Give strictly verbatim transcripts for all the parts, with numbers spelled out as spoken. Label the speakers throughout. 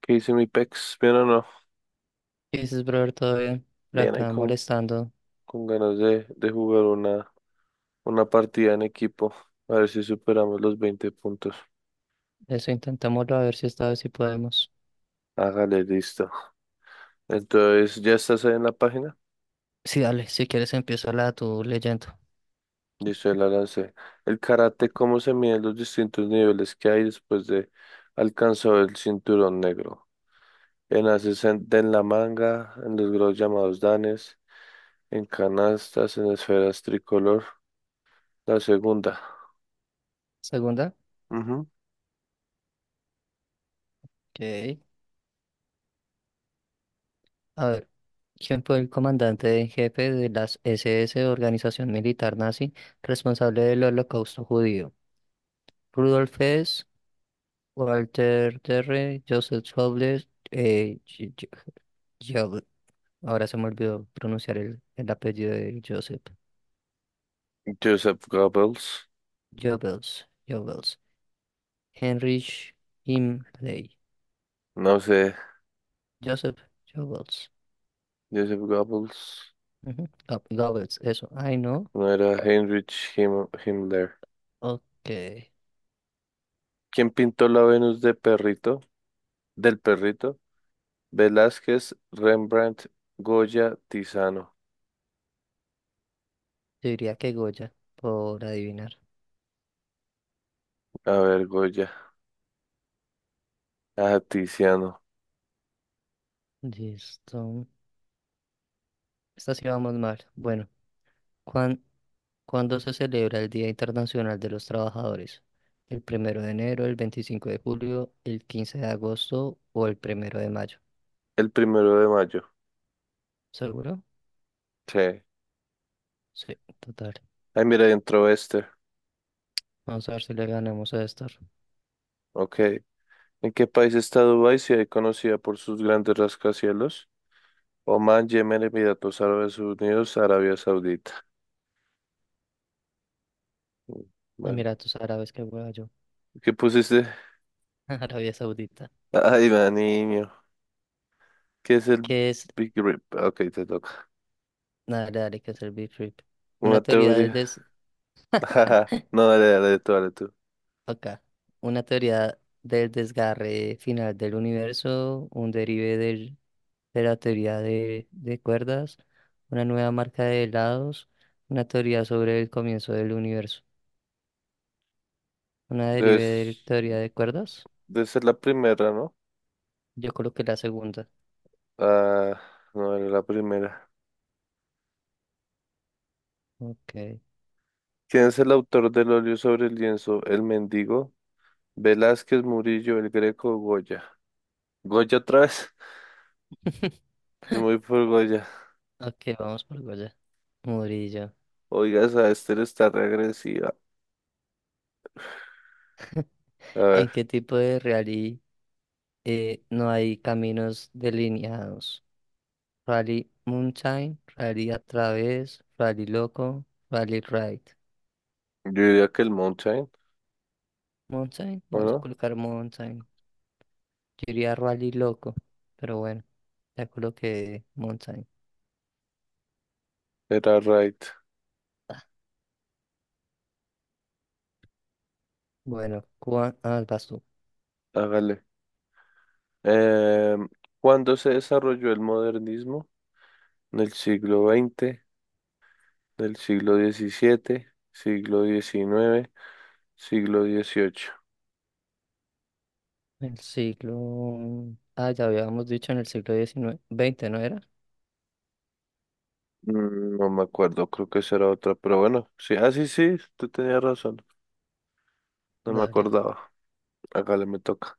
Speaker 1: ¿Qué dice mi pex? ¿Bien o no? no?
Speaker 2: Y dices, brother, todo bien. Por
Speaker 1: Bien ahí
Speaker 2: acá
Speaker 1: con,
Speaker 2: molestando.
Speaker 1: con ganas de, de jugar una, una partida en equipo. A ver si superamos los veinte puntos.
Speaker 2: Eso intentémoslo a ver si esta vez sí podemos.
Speaker 1: Hágale, listo. Entonces, ¿ya estás ahí en la página?
Speaker 2: Sí, dale, si quieres empieza la tu leyendo.
Speaker 1: Listo, ya la lancé. El karate, ¿cómo se miden los distintos niveles que hay después de alcanzar el cinturón negro? En haces en, en la manga, en los grados llamados danes, en canastas, en esferas tricolor. La segunda.
Speaker 2: Segunda.
Speaker 1: Ujú.
Speaker 2: Ok. A ver. ¿Quién fue el comandante en jefe de las S S, organización militar nazi, responsable del holocausto judío? Rudolf Hess, Walter Terre, Joseph Goebbels, eh, J- J- Goebbels. Ahora se me olvidó pronunciar el, el apellido de Joseph.
Speaker 1: Joseph Goebbels.
Speaker 2: Goebbels, Goebbels. Heinrich Himmler.
Speaker 1: No sé.
Speaker 2: Joseph Goebbels.
Speaker 1: Joseph Goebbels,
Speaker 2: Ujú, Go- Goebbels, eso. Ay, no.
Speaker 1: no era Heinrich Him Himmler.
Speaker 2: Ok.
Speaker 1: ¿Quién pintó la Venus de perrito? Del perrito. Velázquez, Rembrandt, Goya, Tiziano.
Speaker 2: Yo diría que Goya, por adivinar.
Speaker 1: A ver, Goya. Ah, Tiziano.
Speaker 2: Listo. Esta sí vamos mal. Bueno, ¿cuán- ¿cuándo se celebra el Día Internacional de los Trabajadores? ¿El primero de enero, el veinticinco de julio, el quince de agosto o el primero de mayo?
Speaker 1: El primero de mayo.
Speaker 2: ¿Seguro?
Speaker 1: Sí.
Speaker 2: Sí, total.
Speaker 1: Ay, mira, entró este.
Speaker 2: Vamos a ver si le ganamos a estos
Speaker 1: Ok. ¿En qué país está Dubái? Si es conocida por sus grandes rascacielos. Oman, Yemen, Emiratos Árabes Unidos, Arabia Saudita. Mm, Bueno,
Speaker 2: Emiratos Árabes que voy yo.
Speaker 1: ¿qué pusiste?
Speaker 2: Arabia Saudita.
Speaker 1: Ay, va, niño. ¿Qué es el
Speaker 2: ¿Qué es?
Speaker 1: Big Rip? Ah, Ok, te toca.
Speaker 2: Dale, dale, que es el Big Trip.
Speaker 1: Una
Speaker 2: Una teoría del,
Speaker 1: teoría.
Speaker 2: des-
Speaker 1: No, dale, dale tú, dale tú.
Speaker 2: Acá, una teoría del desgarre final del universo, un derive del- de la teoría de, de cuerdas, una nueva marca de helados, una teoría sobre el comienzo del universo, una derive de
Speaker 1: Debes,
Speaker 2: teoría de cuerdas.
Speaker 1: debe ser la primera, ¿no?
Speaker 2: Yo coloqué la segunda.
Speaker 1: Ah, no era la primera.
Speaker 2: Ok.
Speaker 1: ¿Quién es el autor del óleo sobre el lienzo? El mendigo. Velázquez, Murillo, el Greco, Goya. ¿Goya otra vez? Yo me voy por Goya.
Speaker 2: Ok, vamos por allá. Murillo.
Speaker 1: Oiga, esa Esther está regresiva. A
Speaker 2: ¿En
Speaker 1: ver,
Speaker 2: qué tipo de reality eh, no hay caminos delineados? Rally mountain, Rally a través, Rally loco, Rally ride.
Speaker 1: yo diría que el Mountain,
Speaker 2: Mountain.
Speaker 1: ¿o
Speaker 2: Vamos a
Speaker 1: no?
Speaker 2: colocar mountain. Yo iría Rally loco, pero bueno, ya coloqué mountain.
Speaker 1: Era right.
Speaker 2: Ah, bueno, ¿cuál ah, vas tú?
Speaker 1: Hágale. Eh, ¿cuándo se desarrolló el modernismo? Del siglo veinte, del siglo diecisiete, siglo diecinueve, siglo dieciocho.
Speaker 2: El siglo... Ah, ya habíamos dicho en el siglo diecinueve, veinte, ¿no era?
Speaker 1: Mm, No me acuerdo, creo que esa era otra, pero bueno, sí, ah, sí, sí, tú tenías razón, no me
Speaker 2: Dale,
Speaker 1: acordaba, hágale, me toca.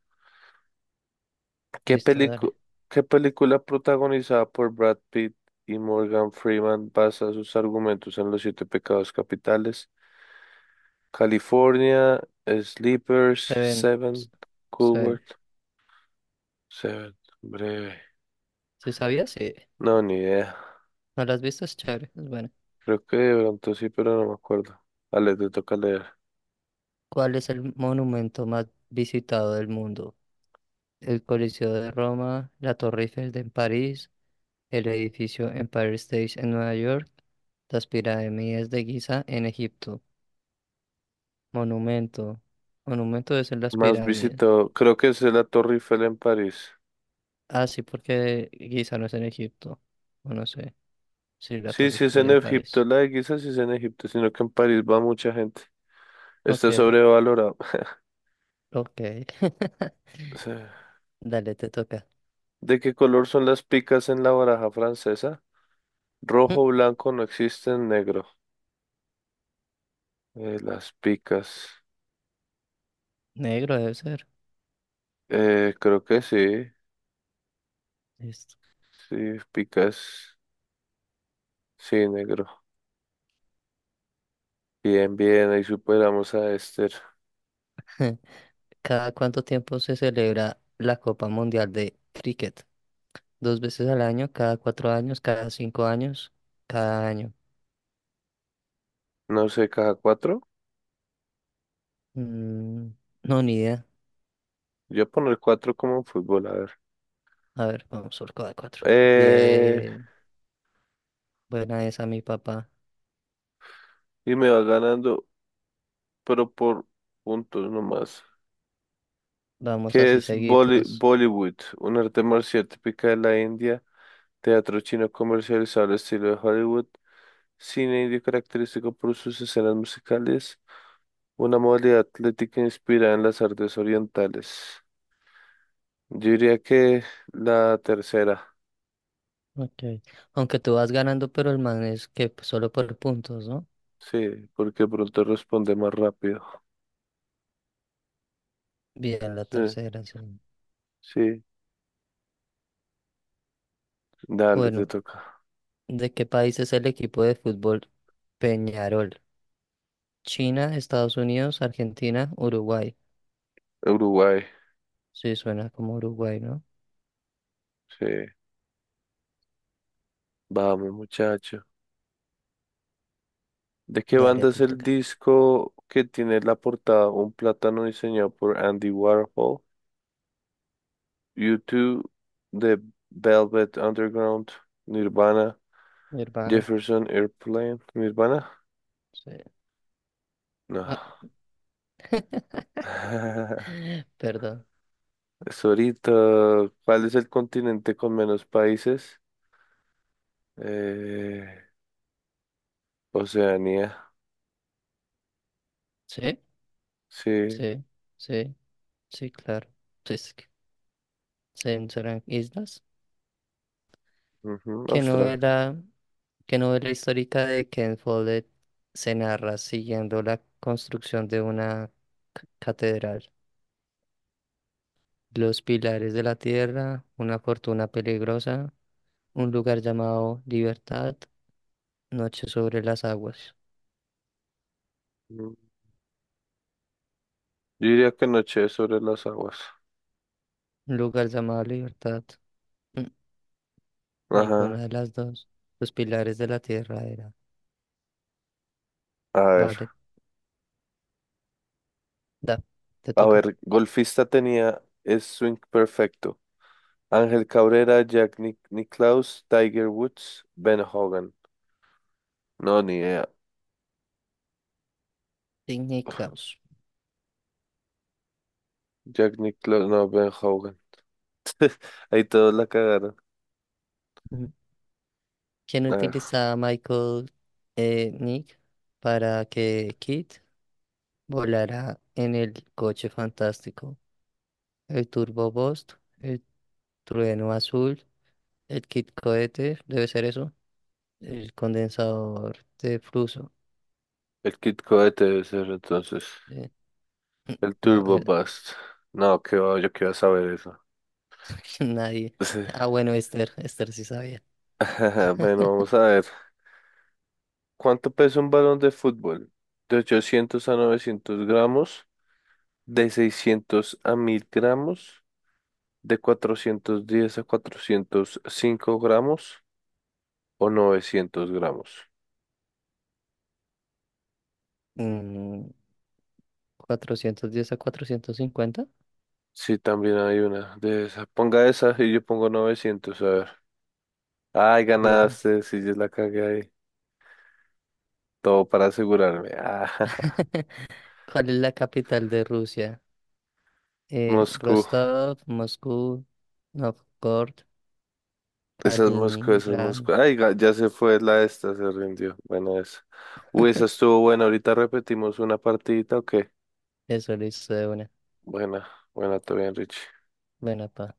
Speaker 1: ¿Qué
Speaker 2: listo, dale.
Speaker 1: pelicu- qué película protagonizada por Brad Pitt y Morgan Freeman basa sus argumentos en los siete pecados capitales? California, Sleepers,
Speaker 2: Se ven,
Speaker 1: Seven,
Speaker 2: s- se
Speaker 1: Cool
Speaker 2: ven.
Speaker 1: World, Seven, breve,
Speaker 2: ¿Sí sabías? Sí.
Speaker 1: no, ni idea.
Speaker 2: ¿No las has visto? Es chévere, es bueno.
Speaker 1: Creo que de pronto sí, pero no me acuerdo. Ale, te toca leer.
Speaker 2: ¿Cuál es el monumento más visitado del mundo? El Coliseo de Roma, la Torre Eiffel de en París, el edificio Empire State en Nueva York, las pirámides de Giza en Egipto, monumento, monumento debe ser las
Speaker 1: Más
Speaker 2: pirámides.
Speaker 1: visitado, creo que es la Torre Eiffel en París.
Speaker 2: Ah, sí, porque Giza no es en Egipto, o no sé, sí, la
Speaker 1: Sí,
Speaker 2: Torre
Speaker 1: sí es
Speaker 2: Eiffel
Speaker 1: en
Speaker 2: en
Speaker 1: Egipto,
Speaker 2: París.
Speaker 1: la de Giza sí es en Egipto, sino que en París va mucha gente.
Speaker 2: Ok,
Speaker 1: Está sobrevalorado.
Speaker 2: ok,
Speaker 1: Sí.
Speaker 2: dale, te toca.
Speaker 1: ¿De qué color son las picas en la baraja francesa?
Speaker 2: Mm,
Speaker 1: Rojo, blanco, no existen, negro. Eh, las picas.
Speaker 2: Negro debe ser.
Speaker 1: Eh, creo que sí.
Speaker 2: Listo.
Speaker 1: Sí, picas. Sí, negro. Bien, bien, ahí superamos a Esther.
Speaker 2: ¿Cada cuánto tiempo se celebra la Copa Mundial de Cricket? Dos veces al año, cada cuatro años, cada cinco años, cada año.
Speaker 1: No sé, caja cuatro.
Speaker 2: Mm, no, ni idea.
Speaker 1: Yo voy a poner cuatro como en fútbol, a ver.
Speaker 2: A ver, vamos por cada cuatro.
Speaker 1: Eh,
Speaker 2: Bien, buena esa, mi papá.
Speaker 1: y me va ganando, pero por puntos nomás.
Speaker 2: Vamos
Speaker 1: ¿Qué
Speaker 2: así
Speaker 1: es Bolly-
Speaker 2: seguidos.
Speaker 1: Bollywood? Un arte marcial típica de la India, teatro chino comercializado al estilo de Hollywood, cine indio característico por sus escenas musicales, una modalidad atlética inspirada en las artes orientales. Yo diría que la tercera,
Speaker 2: Ok. Aunque tú vas ganando, pero el man es que pues, solo por puntos, ¿no?
Speaker 1: sí, porque pronto responde más rápido.
Speaker 2: Bien, la
Speaker 1: Sí,
Speaker 2: tercera, sí.
Speaker 1: sí, dale, te
Speaker 2: Bueno,
Speaker 1: toca.
Speaker 2: ¿de qué país es el equipo de fútbol Peñarol? China, Estados Unidos, Argentina, Uruguay.
Speaker 1: Uruguay,
Speaker 2: Sí, suena como Uruguay, ¿no?
Speaker 1: sí. Vamos, muchacho. ¿De qué
Speaker 2: Dale,
Speaker 1: banda es
Speaker 2: te
Speaker 1: el
Speaker 2: toca.
Speaker 1: disco que tiene la portada Un plátano diseñado por Andy Warhol? YouTube dos The Velvet Underground, Nirvana,
Speaker 2: Mi hermana.
Speaker 1: Jefferson Airplane. ¿Nirvana?
Speaker 2: Sí.
Speaker 1: No.
Speaker 2: Ah, ¿verdad?
Speaker 1: Es ahorita. ¿Cuál es el continente con menos países? Eh, Oceanía.
Speaker 2: Sí,
Speaker 1: Sí.
Speaker 2: sí, sí, sí, claro. Pues que se- serán islas.
Speaker 1: Ujú,
Speaker 2: ¿Qué
Speaker 1: Australia.
Speaker 2: novela, qué novela histórica de Ken Follett se narra siguiendo la construcción de una c- catedral? Los pilares de la tierra, una fortuna peligrosa, un lugar llamado Libertad, Noche sobre las aguas.
Speaker 1: Mm. Yo diría que noche sobre las aguas.
Speaker 2: Un lugar llamado Libertad. Mm, Ninguna
Speaker 1: Ajá.
Speaker 2: de las dos. Los pilares de la tierra era.
Speaker 1: A ver.
Speaker 2: Vale, da, te
Speaker 1: A
Speaker 2: toca.
Speaker 1: ver, golfista tenía es swing perfecto. Ángel Cabrera, Jack Nic- Nicklaus, Tiger Woods, Ben Hogan. No, ni idea.
Speaker 2: Sidney Klaus,
Speaker 1: Jack Nicklaus, no, Ben Hogan. Ahí todos la cagaron.
Speaker 2: Ujú. Quien
Speaker 1: A ver,
Speaker 2: utiliza a Michael eh, Nick para que Kit volara en el coche fantástico. El Turbo Boost, el trueno azul, el Kit cohete, debe ser eso, el condensador de flujo.
Speaker 1: el Kid Cohete debe ser entonces.
Speaker 2: eh,
Speaker 1: El
Speaker 2: no,
Speaker 1: Turbo
Speaker 2: eh,
Speaker 1: Bust. No, que va, yo quiero saber eso.
Speaker 2: nadie.
Speaker 1: Sí.
Speaker 2: Ah, bueno, Esther, Esther sí sabía.
Speaker 1: Bueno, vamos a ver. ¿Cuánto pesa un balón de fútbol? De ochocientos a novecientos gramos, de seiscientos a mil gramos, de cuatrocientos diez a cuatrocientos cinco gramos o novecientos gramos.
Speaker 2: Mm, cuatrocientos diez a cuatrocientos cincuenta.
Speaker 1: Sí, también hay una de esa. Ponga esa y yo pongo novecientos a ver. Ay,
Speaker 2: Bien.
Speaker 1: ganaste, si yo la cagué ahí. Todo para asegurarme. Ah,
Speaker 2: ¿Cuál es la capital de Rusia? Eh,
Speaker 1: Moscú.
Speaker 2: Rostov, Moscú, Novgorod,
Speaker 1: Esa es Moscú, esa es
Speaker 2: Kaliningrado.
Speaker 1: Moscú. Ay, ga- ya se fue la esta, se rindió. Buena esa. Uy, esa estuvo buena. Ahorita repetimos una partidita, ¿o qué?
Speaker 2: Eso lo hizo de una.
Speaker 1: Buena, buena, todo bien, Richie.
Speaker 2: Buena, pa.